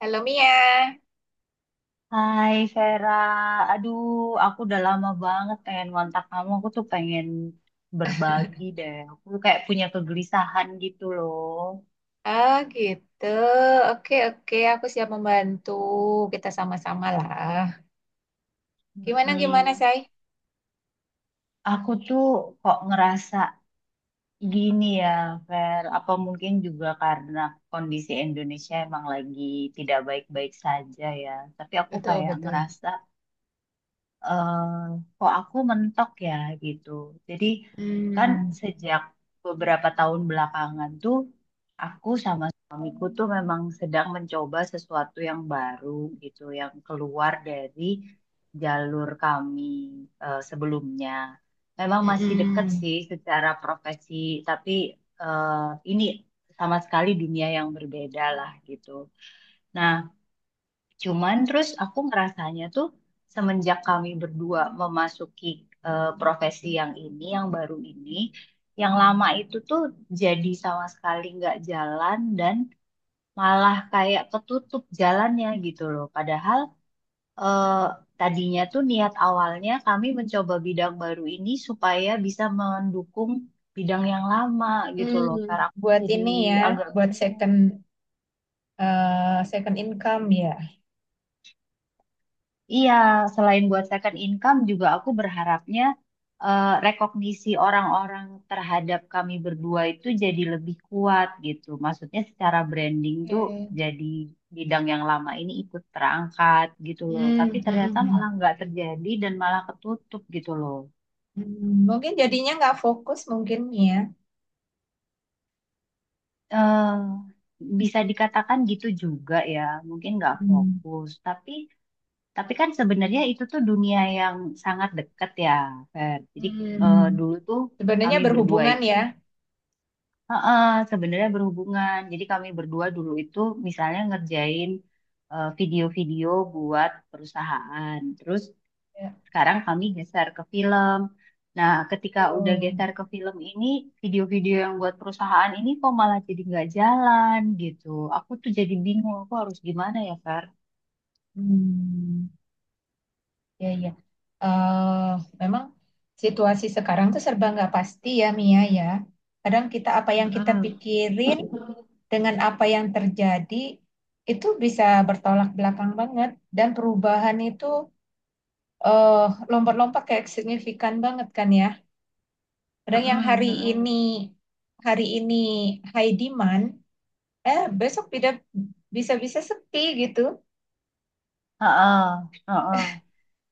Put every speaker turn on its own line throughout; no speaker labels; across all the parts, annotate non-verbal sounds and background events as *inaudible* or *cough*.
Halo Mia.
Hai Vera, aduh aku udah lama banget pengen ngontak kamu, aku tuh pengen berbagi deh, aku kayak punya kegelisahan gitu loh.
Ah gitu. Oke oke, aku siap membantu. Kita sama-sama lah. Gimana gimana,
Mm-mm.
Say?
Aku tuh kok ngerasa gini ya Ver, apa mungkin juga karena kondisi Indonesia emang lagi tidak baik-baik saja ya, tapi aku
Betul
kayak
betul.
ngerasa eh kok aku mentok ya gitu. Jadi kan
Hmm.
sejak beberapa tahun belakangan tuh aku sama suamiku tuh memang sedang mencoba sesuatu yang baru gitu, yang keluar dari jalur kami sebelumnya. Memang masih dekat
Mm-mm.
sih secara profesi, tapi eh, ini sama sekali dunia yang berbeda lah gitu. Nah, Cuman terus aku ngerasanya tuh semenjak kami berdua memasuki profesi yang ini, yang baru ini, yang lama itu tuh jadi sama sekali nggak jalan dan malah kayak ketutup jalannya gitu loh. Padahal eh, tadinya tuh niat awalnya kami mencoba bidang baru ini supaya bisa mendukung bidang yang lama gitu loh.
Hmm.
Karena aku
Buat
jadi
ini ya,
agak
buat
bingung.
second income ya.
Iya, selain buat second income juga aku berharapnya rekognisi orang-orang terhadap kami berdua itu jadi lebih kuat gitu. Maksudnya secara branding tuh
Oke.
jadi bidang yang lama ini ikut terangkat gitu loh. Tapi
Hmm.
ternyata
Mm-mm.
malah
Hmm.
nggak terjadi dan malah ketutup gitu loh.
Hmm, mungkin jadinya nggak fokus mungkin ya.
eh Bisa dikatakan gitu juga ya, mungkin nggak
Hmm.
fokus. Tapi kan sebenarnya itu tuh dunia yang sangat dekat ya, Fer. Jadi
Hmm.
dulu tuh
Sebenarnya
kami berdua
berhubungan
itu
ya.
heeh, sebenarnya berhubungan. Jadi kami berdua dulu itu misalnya ngerjain video-video buat perusahaan. Terus
Ya.
sekarang kami geser ke film. Nah, ketika udah
Oh.
geser ke film ini, video-video yang buat perusahaan ini kok malah jadi nggak jalan gitu. Aku tuh jadi bingung, aku harus gimana ya, Fer?
Hmm. Iya, iya. Eh, Memang situasi sekarang tuh serba nggak pasti ya, Mia ya. Kadang kita apa yang kita
Mm-mm,
pikirin dengan apa yang terjadi itu bisa bertolak belakang banget, dan perubahan itu eh, lompat-lompat kayak signifikan banget kan ya. Kadang yang
mm-mm,
hari ini
mm-mm.
hari ini high demand, besok tidak, bisa-bisa sepi gitu.
Heeh, heeh.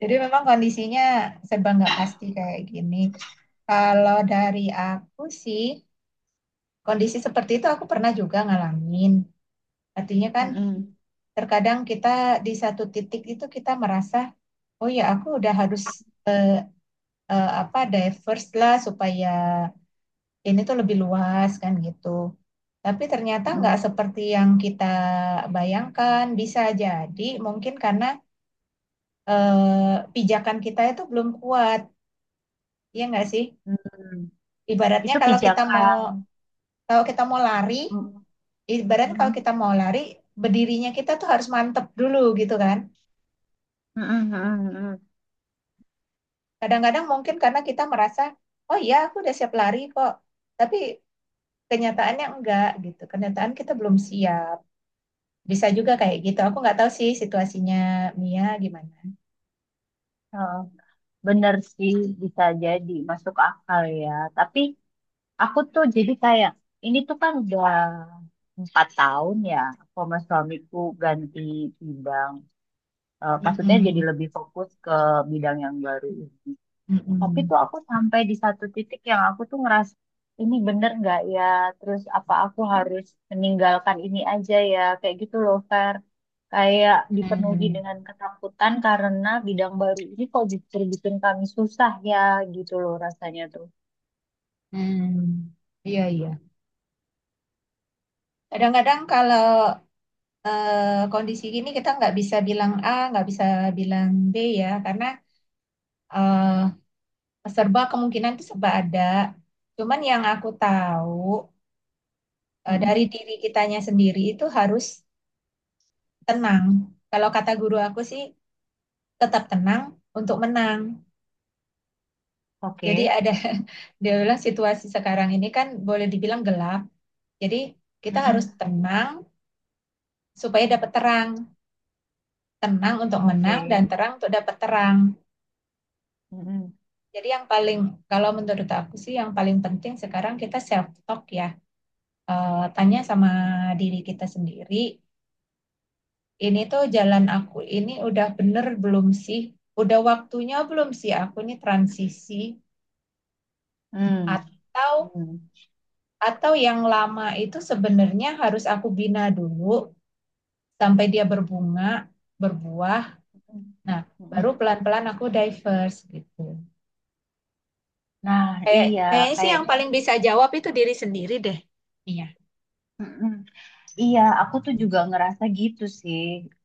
Jadi memang kondisinya serba nggak pasti kayak gini. Kalau dari aku sih, kondisi seperti itu aku pernah juga ngalamin. Artinya kan
Mm-mm,
terkadang kita di satu titik itu kita merasa, oh ya aku udah harus eh, apa diverse lah supaya ini tuh lebih luas kan gitu. Tapi ternyata nggak
mm-mm,
seperti yang kita bayangkan. Bisa jadi mungkin karena pijakan kita itu belum kuat, ya nggak sih?
mm-mm.
Ibaratnya
Itu pijakan.
kalau kita mau lari
Mm,
ibarat kalau
mm-mm,
kita mau lari, berdirinya kita tuh harus mantep dulu gitu kan.
mm-mm, mm-mm, mm-mm.
Kadang-kadang mungkin karena kita merasa, oh iya aku udah siap lari kok. Tapi kenyataannya enggak gitu. Kenyataan kita belum siap. Bisa juga kayak gitu. Aku nggak tahu sih situasinya Mia gimana.
Heeh. Bener sih, bisa jadi masuk akal ya. Tapi aku tuh jadi kayak ini tuh kan udah 4 tahun ya aku sama suamiku ganti bidang. Eh, maksudnya jadi
Mm-mm.
lebih fokus ke bidang yang baru. Tapi
Mm-mm.
tuh aku sampai di satu titik yang aku tuh ngerasa ini bener nggak ya? Terus apa aku harus meninggalkan ini aja ya? Kayak gitu loh, Fer. Kayak dipenuhi
Mm.
dengan ketakutan karena bidang baru ini kok justru bikin kami susah ya gitu loh rasanya tuh.
Mm. Iya, iya. Kadang-kadang kalau kondisi gini kita nggak bisa bilang A, nggak bisa bilang B ya, karena eh, serba kemungkinan itu serba ada. Cuman yang aku tahu dari
Mm-mm.
diri kitanya sendiri itu harus tenang. Kalau kata guru aku sih tetap tenang untuk menang.
Oke.
Jadi ada *laughs* dia bilang situasi sekarang ini kan boleh dibilang gelap. Jadi kita harus
Mm-mm.
tenang supaya dapat terang. Tenang untuk menang dan
Oke.
terang untuk dapat terang.
Mm-mm.
Jadi yang paling kalau menurut aku sih yang paling penting sekarang kita self talk ya. Tanya sama diri kita sendiri, ini tuh jalan aku ini udah bener belum sih? Udah waktunya belum sih aku nih transisi,
Mm.
atau
Mm.
yang lama itu sebenarnya harus aku bina dulu sampai dia berbunga, berbuah. Nah,
Mm.
baru pelan-pelan aku diverse gitu.
Nah,
Kayak
iya,
kayaknya sih yang
kayaknya.
paling bisa jawab itu diri sendiri deh. Iya.
Mm-mm. Iya, aku tuh juga ngerasa gitu sih.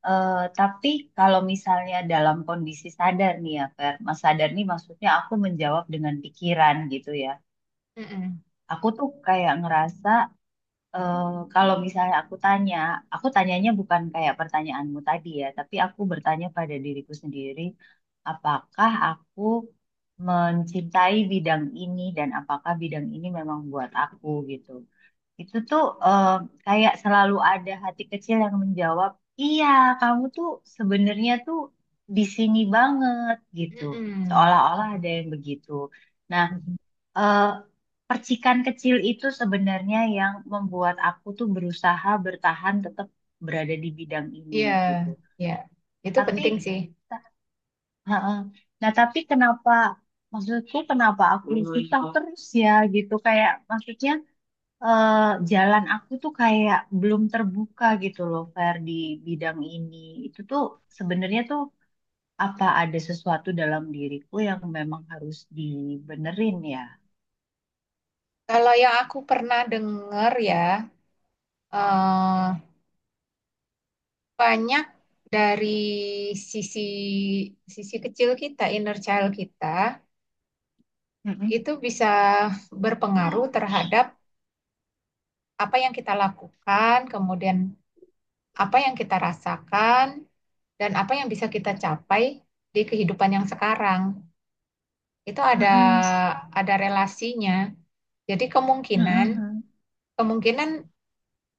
Eh, tapi kalau misalnya dalam kondisi sadar nih ya, Fer. Mas sadar nih maksudnya aku menjawab dengan pikiran gitu ya.
Mm-mm.
Aku tuh kayak ngerasa eh, kalau misalnya aku tanya, aku tanyanya bukan kayak pertanyaanmu tadi ya, tapi aku bertanya pada diriku sendiri, apakah aku mencintai bidang ini dan apakah bidang ini memang buat aku gitu. Itu tuh eh, kayak selalu ada hati kecil yang menjawab, iya kamu tuh sebenarnya tuh di sini banget gitu.
Mm-mm.
Seolah-olah ada yang begitu. Nah,
Mm-mm.
eh, percikan kecil itu sebenarnya yang membuat aku tuh berusaha bertahan tetap berada di bidang ini
Iya,
gitu.
iya. Itu
Tapi,
penting sih.
heeh, nah tapi kenapa, maksudku kenapa aku susah terus ya gitu. Kayak maksudnya eh, jalan aku tuh kayak belum terbuka gitu loh, Fer, di bidang ini. Itu tuh sebenarnya tuh apa ada sesuatu dalam diriku yang memang harus dibenerin ya?
Kalau yang aku pernah dengar ya, eh, banyak dari sisi sisi kecil kita, inner child kita,
Mm-mm.
itu bisa berpengaruh terhadap apa yang kita lakukan, kemudian apa yang kita rasakan, dan apa yang bisa kita capai di kehidupan yang sekarang. Itu ada
Mm-mm.
ada relasinya. Jadi kemungkinan
Mm-mm.
kemungkinan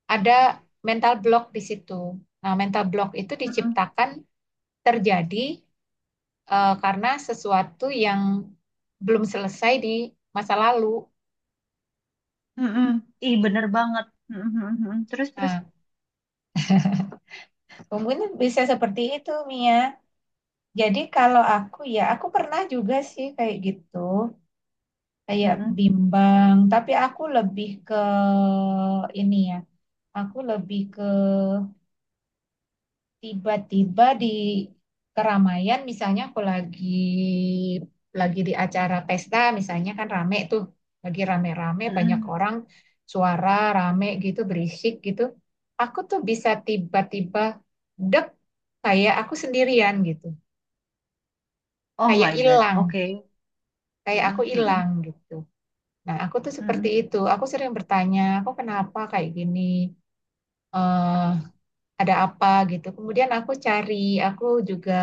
ada mental block di situ. Nah, mental block itu
Mm-mm.
terjadi karena sesuatu yang belum selesai di masa lalu.
Mm-mm. Ih, bener banget. Mm-mm. Terus, terus.
Nah, mungkin bisa seperti itu, Mia. Jadi kalau aku ya, aku pernah juga sih kayak gitu, kayak
Mm-mm.
bimbang. Tapi ini ya, aku lebih ke tiba-tiba di keramaian. Misalnya aku lagi di acara pesta, misalnya kan rame tuh, lagi rame-rame banyak
Mm-mm.
orang, suara rame gitu, berisik gitu, aku tuh bisa tiba-tiba dek, kayak aku sendirian gitu,
Oh
kayak
my God.
hilang
Oke.
kayak aku
Mm-mm.
hilang gitu. Nah, aku tuh seperti
Mm-mm.
itu. Aku sering bertanya aku kenapa kayak gini, eh ada apa gitu. Kemudian aku cari, aku juga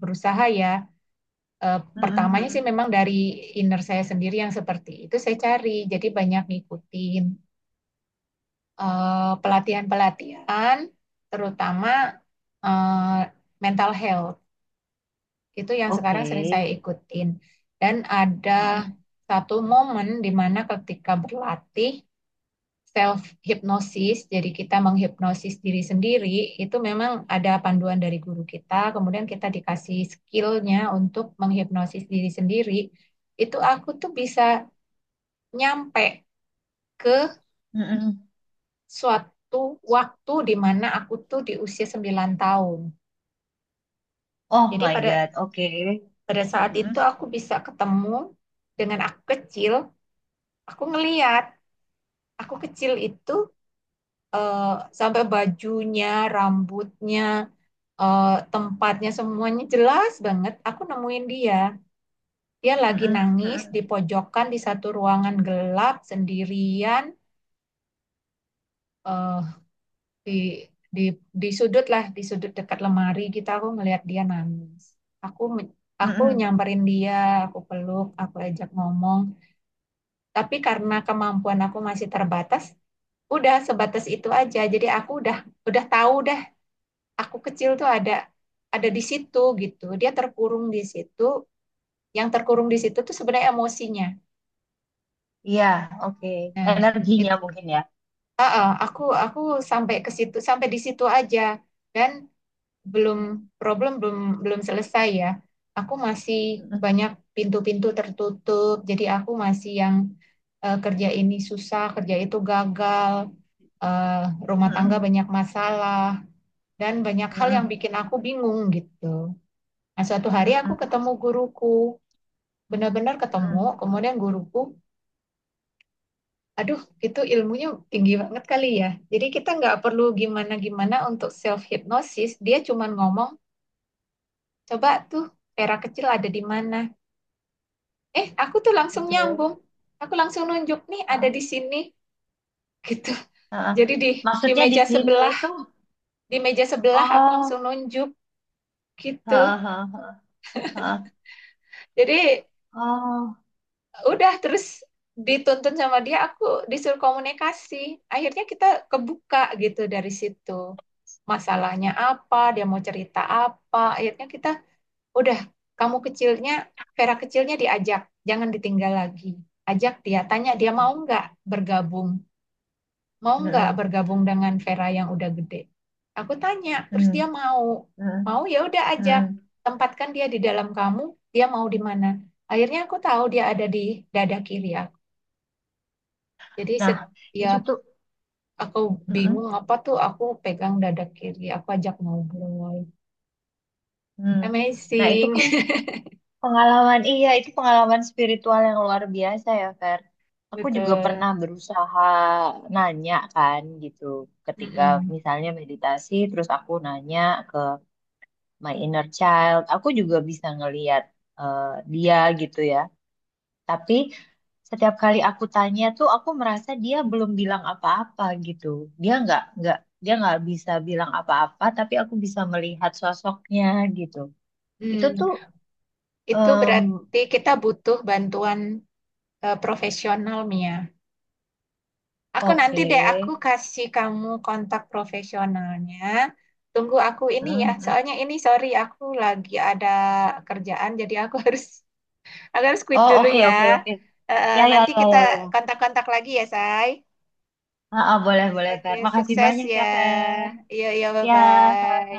berusaha ya, pertamanya sih
Mm-mm.
memang dari inner saya sendiri yang seperti itu saya cari. Jadi banyak ngikutin pelatihan-pelatihan, terutama eh, mental health. Itu yang
Oke.
sekarang sering saya ikutin. Dan ada
Mm-mm.
satu momen di mana ketika berlatih self hipnosis, jadi kita menghipnosis diri sendiri, itu memang ada panduan dari guru kita, kemudian kita dikasih skillnya untuk menghipnosis diri sendiri, itu aku tuh bisa nyampe ke
Mm-mm.
suatu waktu di mana aku tuh di usia 9 tahun.
Oh
Jadi
my
pada
God. Oke.
pada saat itu aku bisa ketemu dengan aku kecil. Aku ngeliat aku kecil itu eh, sampai bajunya, rambutnya, tempatnya semuanya jelas banget. Aku nemuin dia. Dia lagi
Mm-mm,
nangis
mm-mm,
di pojokan di satu ruangan gelap sendirian, eh, di di di sudut dekat lemari gitu, aku ngelihat dia nangis. Aku me- aku
mm-mm.
nyamperin dia, aku peluk, aku ajak ngomong. Tapi karena kemampuan aku masih terbatas, udah sebatas itu aja. Jadi aku udah tahu dah aku kecil tuh ada di situ gitu. Dia terkurung di situ, yang terkurung di situ tuh sebenarnya emosinya.
Iya, oke.
Nah,
Energinya
itu
mungkin ya.
aku sampai di situ aja, dan belum problem belum belum selesai ya. Aku masih
Mm-mm,
banyak pintu-pintu tertutup, jadi aku masih yang kerja ini susah, kerja itu gagal, eh, rumah tangga
mm-mm,
banyak masalah, dan banyak hal yang
mm-mm,
bikin aku bingung gitu. Nah, suatu hari aku
mm-mm,
ketemu guruku, benar-benar ketemu.
mm-mm.
Kemudian guruku Aduh, itu ilmunya tinggi banget kali ya. Jadi kita nggak perlu gimana-gimana untuk self hypnosis. Dia cuma ngomong, coba tuh pera kecil ada di mana. Aku tuh langsung
Oke.
nyambung. Aku langsung nunjuk nih, ada di
Ah,
sini, gitu.
ah, ah.
Jadi di
Maksudnya di
meja
sini
sebelah,
itu,
di meja sebelah aku
oh,
langsung nunjuk gitu.
ah, ah, ah, ah, ah.
Jadi
Oh,
udah, terus dituntun sama dia, aku disuruh komunikasi, akhirnya kita kebuka gitu. Dari situ masalahnya apa, dia mau cerita apa, akhirnya kita udah, kamu kecilnya Vera kecilnya diajak jangan ditinggal lagi, ajak dia, tanya dia bergabung mau nggak
mm-mm,
bergabung dengan Vera yang udah gede. Aku tanya, terus dia
mm-mm,
mau,
mm-mm,
ya udah ajak,
mm-mm.
tempatkan dia di dalam kamu, dia mau di mana. Akhirnya aku tahu dia ada di dada kiri aku. Jadi
Nah, itu
setiap
tuh,
aku
mm-mm,
bingung apa tuh, aku pegang dada kiri, aku ajak ngobrol.
mm. Nah, itu
Amazing,
kan. Pengalaman, iya itu pengalaman spiritual yang luar biasa ya, Fer.
*laughs*
Aku juga
betul.
pernah berusaha nanya kan gitu, ketika
Mm-mm.
misalnya meditasi, terus aku nanya ke my inner child, aku juga bisa ngeliat eh, dia gitu ya. Tapi setiap kali aku tanya tuh, aku merasa dia belum bilang apa-apa gitu. Dia nggak nggak dia nggak bisa bilang apa-apa, tapi aku bisa melihat sosoknya gitu. Itu
Hmm,
tuh
itu
em,
berarti kita butuh bantuan profesional, Mia. Aku nanti
oke.
deh, aku kasih kamu kontak profesionalnya. Tunggu aku ini ya,
Hmm.
soalnya ini sorry aku lagi ada kerjaan, jadi aku *laughs* aku harus quit
Oh,
dulu
oke,
ya.
oke, oke. Ya, ya,
Nanti
ya,
kita
ya, ya.
kontak-kontak lagi ya, Say.
Ah, ah, boleh, boleh,
Oke,
Fer. Makasih
sukses
banyak
ya.
ya, Fer.
Iya, iya,
Ya,
bye-bye.